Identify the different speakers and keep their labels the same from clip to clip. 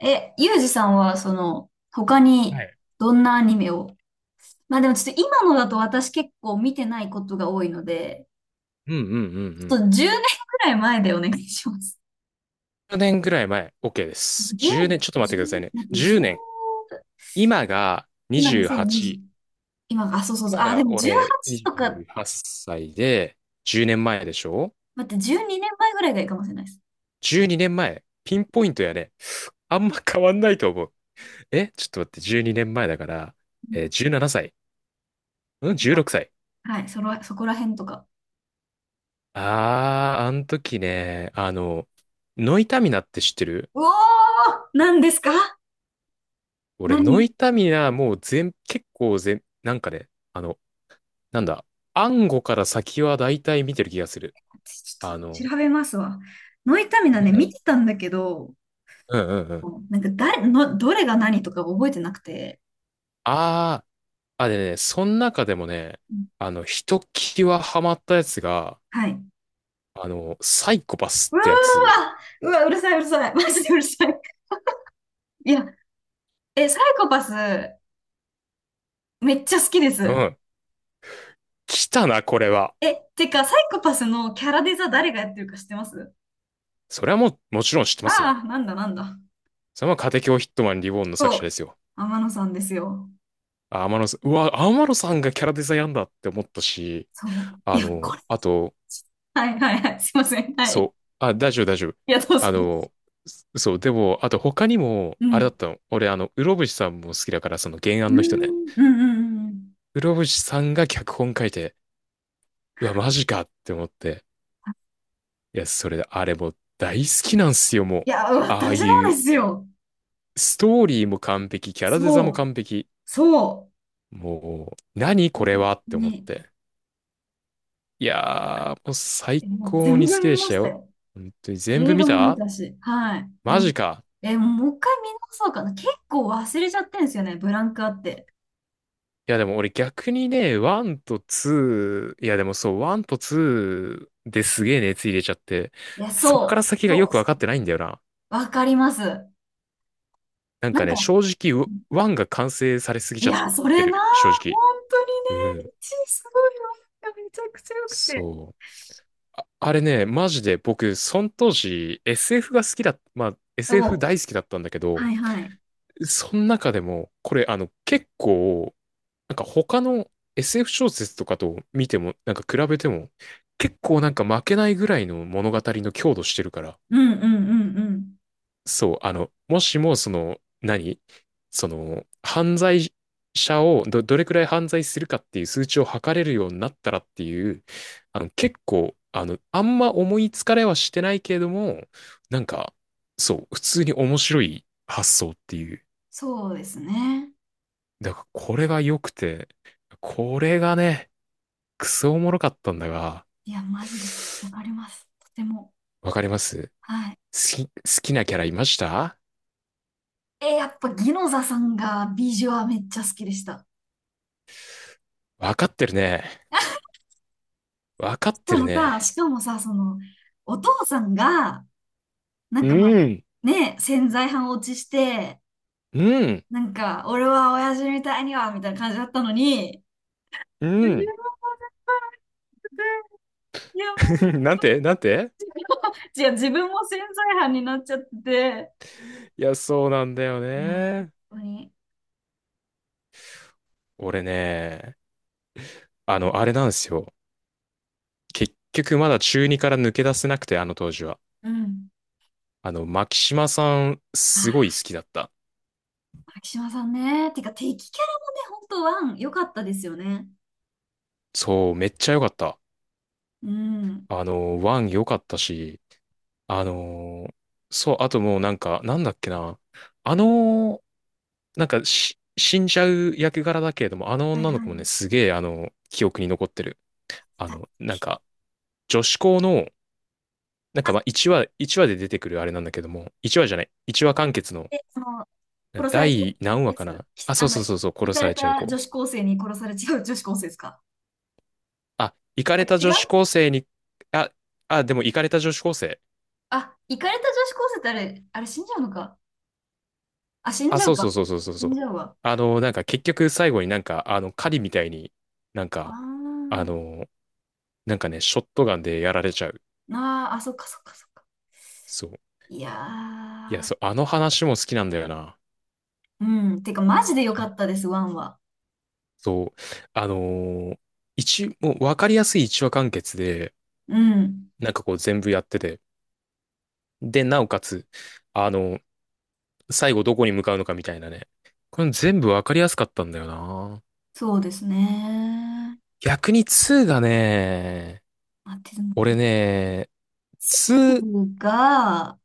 Speaker 1: ユージさんは、他に
Speaker 2: はい。
Speaker 1: どんなアニメを、まあでもちょっと今のだと私結構見てないことが多いので、
Speaker 2: うんうんうんう
Speaker 1: ちょっ
Speaker 2: ん。
Speaker 1: と10年くらい前でお願いします。
Speaker 2: 10年ぐらい前、OK です。
Speaker 1: 10、
Speaker 2: 10年、ちょっと待ってくださいね。
Speaker 1: 10、待って、
Speaker 2: 10
Speaker 1: 10、
Speaker 2: 年。今が
Speaker 1: 今2020、
Speaker 2: 28。
Speaker 1: 今、あ、そうそうそう、
Speaker 2: 今
Speaker 1: あ、で
Speaker 2: が
Speaker 1: も
Speaker 2: 俺
Speaker 1: 18とか、
Speaker 2: 28歳で、10年前でしょ？
Speaker 1: 待って、12年前ぐらいがいいかもしれないです。
Speaker 2: 12 年前。ピンポイントやね。あんま変わんないと思う。え、ちょっと待って、12年前だから、
Speaker 1: なん
Speaker 2: 17歳。うん、
Speaker 1: とか、
Speaker 2: 16歳。
Speaker 1: はい、そこら辺とか。
Speaker 2: あー、あの時ね、ノイタミナって知ってる？
Speaker 1: うおー、何ですか？
Speaker 2: 俺、ノ
Speaker 1: 何
Speaker 2: イタミナもう全、結構全、なんかね、あの、なんだ、暗号から先は大体見てる気がする。
Speaker 1: ちょっ
Speaker 2: あ
Speaker 1: と
Speaker 2: の、
Speaker 1: 調べますわ。ノイタミナね、見てたんだけど、
Speaker 2: うんうんうん。
Speaker 1: もうなんか誰の、どれが何とか覚えてなくて。
Speaker 2: ああ、あ、でね、その中でもね、
Speaker 1: うん、
Speaker 2: ひときわハマったやつが、
Speaker 1: はい。う
Speaker 2: サイコパス
Speaker 1: わ
Speaker 2: ってやつ。
Speaker 1: ー、うわ、うるさい、うるさい。マジでうるさい。いや、サイコパス、めっちゃ好きで
Speaker 2: う
Speaker 1: す。
Speaker 2: ん。来たな、これは。
Speaker 1: え、てか、サイコパスのキャラデザ誰がやってるか知ってます？
Speaker 2: それはもう、もちろん知って
Speaker 1: あ
Speaker 2: ますよ。
Speaker 1: あー、なんだなんだ。
Speaker 2: それはカテキオヒットマンリボーンの作
Speaker 1: そ
Speaker 2: 者で
Speaker 1: う。
Speaker 2: すよ。
Speaker 1: 天野さんですよ。
Speaker 2: あ、天野さん、うわ、天野さんがキャラデザやんだって思ったし、
Speaker 1: そう。い
Speaker 2: あ
Speaker 1: や、こ
Speaker 2: の、
Speaker 1: れ。
Speaker 2: あと、
Speaker 1: はいはいはい。すいません。は
Speaker 2: そ
Speaker 1: い。
Speaker 2: う。あ、大丈夫、大丈夫。
Speaker 1: いや、どうぞ
Speaker 2: あ
Speaker 1: どうぞ。
Speaker 2: の、そう、でも、あと他にも、
Speaker 1: う
Speaker 2: あれだ
Speaker 1: ん。
Speaker 2: ったの。俺、室伏さんも好きだから、その原
Speaker 1: うー
Speaker 2: 案の人ね。
Speaker 1: ん。うんうんうんうん。
Speaker 2: 室伏さんが脚本書いて、うわ、マジかって思って。いや、それで、あれもう大好きなんすよ、もう。
Speaker 1: いや、
Speaker 2: ああ
Speaker 1: 私も
Speaker 2: い
Speaker 1: で
Speaker 2: う、
Speaker 1: すよ。
Speaker 2: ストーリーも完璧、キャラデザ
Speaker 1: そ
Speaker 2: も
Speaker 1: う。
Speaker 2: 完璧。
Speaker 1: そ
Speaker 2: もう、何
Speaker 1: う。
Speaker 2: これはって思っ
Speaker 1: ね、
Speaker 2: て。いやー、もう
Speaker 1: え
Speaker 2: 最
Speaker 1: もう
Speaker 2: 高
Speaker 1: 全
Speaker 2: に好
Speaker 1: 部
Speaker 2: き
Speaker 1: 見
Speaker 2: でし
Speaker 1: ま
Speaker 2: た
Speaker 1: した
Speaker 2: よ。
Speaker 1: よ。
Speaker 2: 本当に全部
Speaker 1: 映
Speaker 2: 見
Speaker 1: 画も見
Speaker 2: た？
Speaker 1: たし。はい。で
Speaker 2: マ
Speaker 1: も、
Speaker 2: ジか。
Speaker 1: もう一回見直そうかな。結構忘れちゃってんですよね、ブランクあって。
Speaker 2: いやでも俺逆にね、1と2、いやでもそう、1と2ですげえ熱入れちゃって、
Speaker 1: いや、
Speaker 2: そっから
Speaker 1: そ
Speaker 2: 先
Speaker 1: う、
Speaker 2: が
Speaker 1: そ
Speaker 2: よ
Speaker 1: う、
Speaker 2: く
Speaker 1: そ
Speaker 2: わかっ
Speaker 1: う、
Speaker 2: てないんだよな。
Speaker 1: わかります。な
Speaker 2: なん
Speaker 1: ん
Speaker 2: かね、
Speaker 1: か、
Speaker 2: 正直、1が完成されすぎ
Speaker 1: い
Speaker 2: ちゃっ
Speaker 1: や、そ
Speaker 2: て
Speaker 1: れな、
Speaker 2: る、正
Speaker 1: 本
Speaker 2: 直。
Speaker 1: 当に
Speaker 2: う
Speaker 1: ね、
Speaker 2: ん。
Speaker 1: いち、すごいわ。めちゃくちゃ良くて。
Speaker 2: そう。あ、あれね、マジで僕、その当時 SF が好きだ、まあ SF
Speaker 1: お、
Speaker 2: 大好きだったんだけど、
Speaker 1: はいはい。
Speaker 2: その中でも、これあの結構なんか他の SF 小説とかと見ても、なんか比べても、結構なんか負けないぐらいの物語の強度してるから、
Speaker 1: うんうんうんうん。
Speaker 2: そう、もしもその、その、犯罪者をどれくらい犯罪するかっていう数値を測れるようになったらっていう、あの、結構、あの、あんま思いつかれはしてないけれども、なんか、そう、普通に面白い発想っていう。
Speaker 1: そうですね。
Speaker 2: だからこれが良くて、これがね、クソおもろかったんだが、
Speaker 1: いや、マジで、わかります。とても。
Speaker 2: わかります？
Speaker 1: はい。
Speaker 2: 好き、好きなキャラいました？
Speaker 1: え、やっぱ、ギノザさんがビジュアめっちゃ好きでした。
Speaker 2: わかってるね。わかっ
Speaker 1: そ
Speaker 2: てる
Speaker 1: のさ、
Speaker 2: ね。
Speaker 1: しかもさ、お父さんが、な
Speaker 2: う
Speaker 1: んかまあ、
Speaker 2: ん、
Speaker 1: ね、潜在犯落ちして、
Speaker 2: うん、
Speaker 1: なんか、俺は親父みたいには、みたいな感じだったのに、
Speaker 2: う
Speaker 1: いや、
Speaker 2: ん。
Speaker 1: いやもう 本
Speaker 2: なん
Speaker 1: 当、
Speaker 2: てなんて、
Speaker 1: いや、自分も潜在犯になっちゃってて、
Speaker 2: いや、そうなんだよ
Speaker 1: いや、本
Speaker 2: ね。
Speaker 1: 当に、
Speaker 2: 俺ね、あれなんですよ。結局まだ中二から抜け出せなくて、あの当時は。
Speaker 1: うん。
Speaker 2: 牧島さん、
Speaker 1: あ
Speaker 2: すごい好
Speaker 1: あ、
Speaker 2: きだった。
Speaker 1: 牧島さんね、てか、敵キャラもね、本当ワン、良かったですよね。
Speaker 2: そう、めっちゃ良かった。
Speaker 1: うん。
Speaker 2: ワン良かったし、あのーそう、あともうなんか、なんだっけな。あのーなんかし、死んじゃう役柄だけれども、あの
Speaker 1: はい
Speaker 2: 女の
Speaker 1: はい。
Speaker 2: 子もね、すげえ、記憶に残ってる。あの、なんか、女子校の、なんかまあ、1話、1話で出てくるあれなんだけども、1話じゃない、1話完結の、
Speaker 1: で、殺されちゃ
Speaker 2: 第
Speaker 1: う
Speaker 2: 何話
Speaker 1: や
Speaker 2: か
Speaker 1: つ、
Speaker 2: な。
Speaker 1: き
Speaker 2: あ、
Speaker 1: あ
Speaker 2: そう
Speaker 1: の、
Speaker 2: そうそうそう、
Speaker 1: 行
Speaker 2: 殺
Speaker 1: か
Speaker 2: さ
Speaker 1: れ
Speaker 2: れちゃう
Speaker 1: た女
Speaker 2: 子。
Speaker 1: 子高生に殺されちゃう女子高生ですか？
Speaker 2: あ、イカ
Speaker 1: あ、
Speaker 2: れた
Speaker 1: 違
Speaker 2: 女子
Speaker 1: う。
Speaker 2: 高生に、あ、あ、でもイカれた女子高生。
Speaker 1: あ、行かれた女子高生ってあれ、死んじゃうのか。あ、死ん
Speaker 2: あ、
Speaker 1: じゃう
Speaker 2: そう
Speaker 1: か。
Speaker 2: そうそうそうそう
Speaker 1: 死
Speaker 2: そう。
Speaker 1: んじゃうわ。
Speaker 2: なんか結局最後になんか、狩りみたいになん
Speaker 1: あ
Speaker 2: か、あ
Speaker 1: ー
Speaker 2: の、なんかね、ショットガンでやられちゃう。
Speaker 1: あー、あ、そっかそっかそっか。
Speaker 2: そう。
Speaker 1: いや
Speaker 2: いや、
Speaker 1: ー。
Speaker 2: そう、あの話も好きなんだよな。
Speaker 1: うん。てか、マジで良かったです、ワンは。
Speaker 2: そう。あのー一、もうわかりやすい一話完結で、
Speaker 1: うん。
Speaker 2: なんかこう全部やってて。で、なおかつ、あの、最後どこに向かうのかみたいなね。これ全部わかりやすかったんだよな。
Speaker 1: そうですね。
Speaker 2: 逆に2がね、
Speaker 1: あ、でも、
Speaker 2: 俺ね、2、
Speaker 1: F が、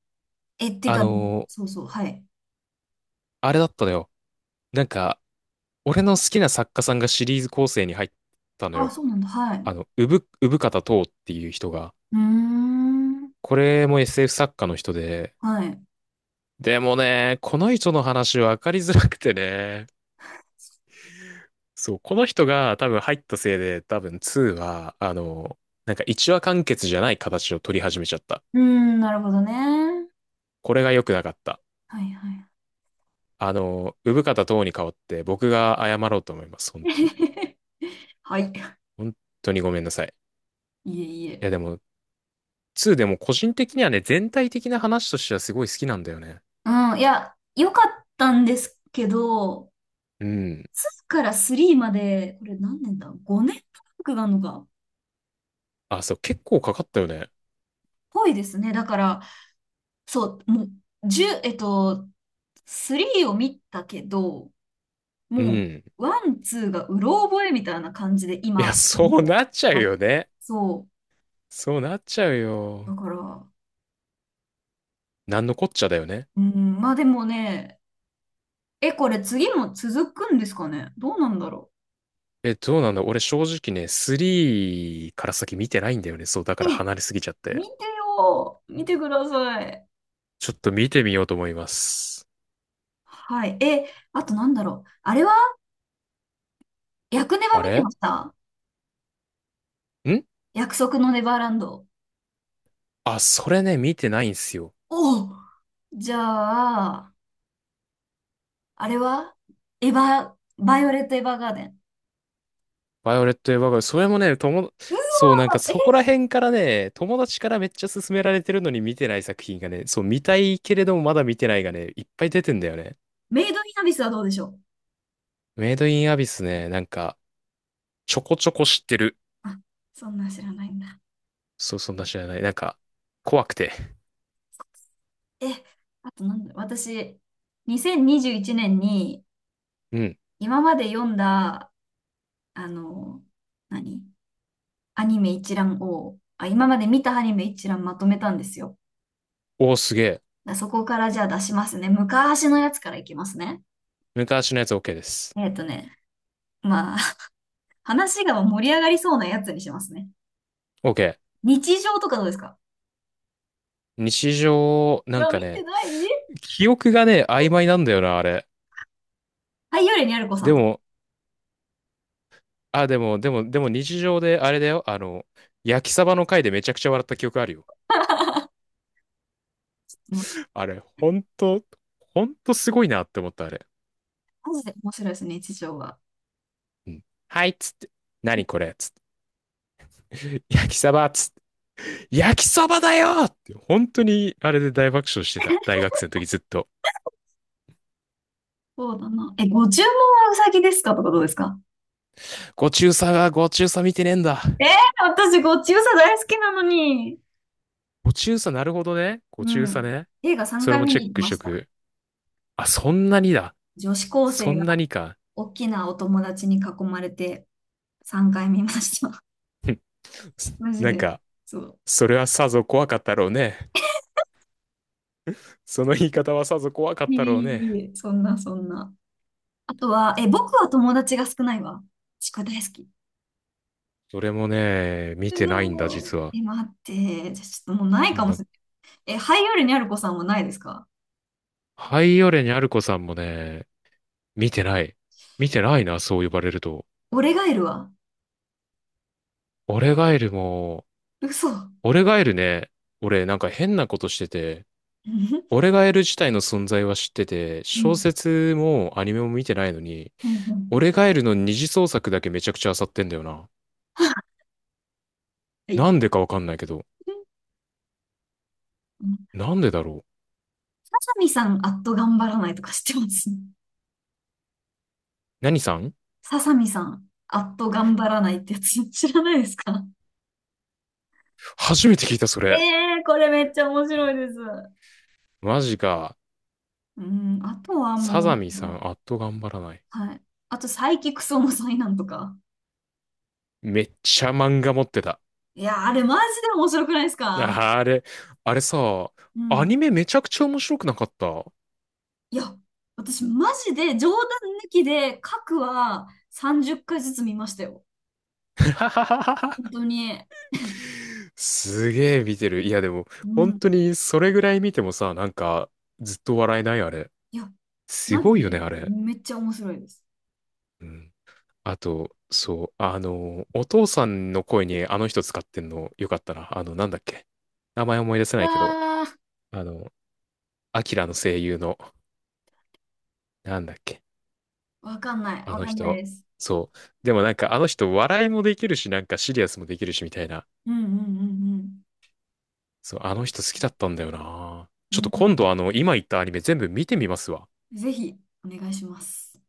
Speaker 1: え、て
Speaker 2: あ
Speaker 1: か、
Speaker 2: のー
Speaker 1: そうそう、はい。
Speaker 2: あれだったのよ。なんか、俺の好きな作家さんがシリーズ構成に入ったの
Speaker 1: あ、
Speaker 2: よ。
Speaker 1: そうなんだ、はい。
Speaker 2: 産方とうっていう人が。
Speaker 1: うーん。
Speaker 2: これも SF 作家の人で。
Speaker 1: はい。
Speaker 2: でもね、この人の話分かりづらくてね。そう、この人が多分入ったせいで、多分2は、なんか一話完結じゃない形を取り始めちゃった。
Speaker 1: うーん、なるほどね。
Speaker 2: これが良くなかった。
Speaker 1: はいはい。
Speaker 2: 産方とうに代わって僕が謝ろうと思います。本当に。
Speaker 1: はい。
Speaker 2: 本当にごめんなさい。
Speaker 1: いえい
Speaker 2: い
Speaker 1: え。
Speaker 2: やでも、2でも個人的にはね、全体的な話としてはすごい好きなんだよね。
Speaker 1: うん、いや、良かったんですけど、
Speaker 2: うん。
Speaker 1: 2から3まで、これ何年だ？ 5 年ブランクがあるのか。
Speaker 2: あ、そう、結構かかったよね。
Speaker 1: ぽいですね。だから、そう、もう、1、えっと、3を見たけど、
Speaker 2: う
Speaker 1: も
Speaker 2: ん。
Speaker 1: う、ワン、ツーがうろ覚えみたいな感じで、
Speaker 2: いや、
Speaker 1: 今、
Speaker 2: そうなっちゃう
Speaker 1: だ
Speaker 2: よね。
Speaker 1: そ
Speaker 2: そうなっちゃう
Speaker 1: う。だ
Speaker 2: よ。
Speaker 1: から、
Speaker 2: なんのこっちゃだよね。
Speaker 1: うん、まあでもね、え、これ次も続くんですかね、どうなんだろ
Speaker 2: え、どうなんだ？俺正直ね、3から先見てないんだよね。そう、だか
Speaker 1: う？
Speaker 2: ら
Speaker 1: え、
Speaker 2: 離れすぎちゃって。
Speaker 1: 見てよー。見てください。
Speaker 2: ちょっと見てみようと思います。
Speaker 1: はい。え、あとなんだろう。あれは薬ネバ
Speaker 2: あ
Speaker 1: 見て
Speaker 2: れ
Speaker 1: ました？
Speaker 2: ん
Speaker 1: 約束のネバーランド。
Speaker 2: あ、それね、見てないんすよ。
Speaker 1: おう、じゃあ、あれはエヴァ、バイオレット・エヴァーガーデン。
Speaker 2: バイオレット・エヴァーガーデン、それもね、
Speaker 1: うわ
Speaker 2: そう、なんか
Speaker 1: ー、
Speaker 2: そこら
Speaker 1: え、
Speaker 2: 辺からね、友達からめっちゃ勧められてるのに見てない作品がね、そう、見たいけれどもまだ見てないがね、いっぱい出てんだよね。
Speaker 1: メイド・イン・アビスはどうでしょう？
Speaker 2: メイド・イン・アビスね、なんか、ちょこちょこ知ってる。
Speaker 1: あ、そんなん知らないんだ。
Speaker 2: そう、そんな知らない。なんか、怖くて。
Speaker 1: え、あとなんだろう。私、2021年にじゅういちねんに
Speaker 2: うん。
Speaker 1: 今まで読んだ、あの、何アニメ一覧を、あ、今まで見たアニメ一覧まとめたんですよ。
Speaker 2: おー、すげえ。
Speaker 1: だ、そこからじゃあ出しますね。昔のやつからいきますね。
Speaker 2: 昔のやつ OK です。
Speaker 1: えっとね、まあ、話が盛り上がりそうなやつにしますね。
Speaker 2: OK。
Speaker 1: 日常とかどうですか？
Speaker 2: 日常、
Speaker 1: う
Speaker 2: なん
Speaker 1: わ、
Speaker 2: か
Speaker 1: 見て
Speaker 2: ね、
Speaker 1: ない。
Speaker 2: 記憶がね、曖昧なんだよな、あれ。
Speaker 1: はい、よりにあるこさ
Speaker 2: で
Speaker 1: んとか。
Speaker 2: も、あ、でも日常であれだよ。焼きサバの回でめちゃくちゃ笑った記憶あるよ。あれ、ほんと、ほんとすごいなって思った、あれ。
Speaker 1: マジで面白いですね、日常は。
Speaker 2: うん、はい、っつって。何これっつって。焼きそばっつって。焼きそばだよって、本当に、あれで大爆笑してた。大学生の時ずっと。
Speaker 1: そうだな。え、ご注文はうさぎですかとかどうですか？
Speaker 2: ご中佐が、ご中佐見てねえんだ。
Speaker 1: えー、私、ご注射大好きなのに。
Speaker 2: ご中佐、なるほどね。ご
Speaker 1: う
Speaker 2: 中佐
Speaker 1: ん。
Speaker 2: ね。
Speaker 1: 映画3
Speaker 2: それ
Speaker 1: 回
Speaker 2: も
Speaker 1: 見
Speaker 2: チェ
Speaker 1: に
Speaker 2: ッ
Speaker 1: 行き
Speaker 2: クし
Speaker 1: ま
Speaker 2: と
Speaker 1: した。
Speaker 2: く。あ、そんなにだ。
Speaker 1: 女子高
Speaker 2: そ
Speaker 1: 生
Speaker 2: ん
Speaker 1: が
Speaker 2: なにか。
Speaker 1: 大きなお友達に囲まれて3回見ました。マジ
Speaker 2: なん
Speaker 1: で。
Speaker 2: か、
Speaker 1: そう。
Speaker 2: それはさぞ怖かったろうね。その言い方はさぞ怖かっ
Speaker 1: いえ
Speaker 2: たろう
Speaker 1: い
Speaker 2: ね。
Speaker 1: えいえ、そんなそんな。あとは、え、僕は友達が少ないわ。ちく大好き。
Speaker 2: それもね、見
Speaker 1: う
Speaker 2: てないんだ、
Speaker 1: のー
Speaker 2: 実は。
Speaker 1: え、待って。じゃ、ちょっともうないかも
Speaker 2: な
Speaker 1: し
Speaker 2: ん
Speaker 1: れない。え、ハイオールにある子さんもないですか？
Speaker 2: ハイオレニャルコさんもね、見てない。見てないな、そう呼ばれると。
Speaker 1: 俺がいるわ。
Speaker 2: オレガエルも、
Speaker 1: 嘘。う
Speaker 2: オレガエルね、俺なんか変なことしてて、
Speaker 1: ん。
Speaker 2: オレガエル自体の存在は知ってて、
Speaker 1: う
Speaker 2: 小
Speaker 1: ん。
Speaker 2: 説もアニメも見てないのに、
Speaker 1: うんう
Speaker 2: オ
Speaker 1: ん、
Speaker 2: レガエルの二次創作だけめちゃくちゃ漁ってんだよな。
Speaker 1: はい。う
Speaker 2: なんでかわかんないけど。
Speaker 1: ん。
Speaker 2: なんでだろう。
Speaker 1: ささみさん、あっと頑張らないとか知ってます？
Speaker 2: 何さん？
Speaker 1: ささみさん、あっと頑張らないってやつ知らないですか？
Speaker 2: 初めて聞いた、そ
Speaker 1: え
Speaker 2: れ。
Speaker 1: えー、これめっちゃ面白いです。
Speaker 2: マジか。
Speaker 1: うん、あとはもう
Speaker 2: サ
Speaker 1: なん
Speaker 2: ザミさ
Speaker 1: か、
Speaker 2: ん、あっと頑張らない。
Speaker 1: はい。あと、サイキクソの災難とか。
Speaker 2: めっちゃ漫画持ってた。
Speaker 1: いや、あれマジで面白くないですか？
Speaker 2: あ、あれ、あれさ、
Speaker 1: う
Speaker 2: アニ
Speaker 1: ん。
Speaker 2: メめちゃくちゃ面白くなかった。
Speaker 1: いや、私マジで冗談抜きで、各は30回ずつ見ましたよ。本当に。
Speaker 2: すげえ見てる。いやでも、
Speaker 1: う
Speaker 2: 本
Speaker 1: ん。
Speaker 2: 当にそれぐらい見てもさ、なんか、ずっと笑えない、あれ。
Speaker 1: いや、
Speaker 2: す
Speaker 1: マジ
Speaker 2: ごいよね、
Speaker 1: で
Speaker 2: あれ。
Speaker 1: めっちゃ面白いです。
Speaker 2: うん。あと、そう、お父さんの声にあの人使ってんのよかったな。なんだっけ。名前思い出せ
Speaker 1: う
Speaker 2: ないけど、
Speaker 1: わ
Speaker 2: あの、アキラの声優の、なんだっけ。
Speaker 1: ー、わかんない。
Speaker 2: あ
Speaker 1: わ
Speaker 2: の
Speaker 1: かんない
Speaker 2: 人。
Speaker 1: です。
Speaker 2: そう。でもなんか、あの人、笑いもできるし、なんかシリアスもできるし、みたいな。
Speaker 1: うんうん
Speaker 2: そう、あの人好きだったんだよな。
Speaker 1: うん
Speaker 2: ち
Speaker 1: う
Speaker 2: ょっと
Speaker 1: ん。う
Speaker 2: 今
Speaker 1: ん、
Speaker 2: 度あの、今言ったアニメ全部見てみますわ。
Speaker 1: ぜひ、お願いします。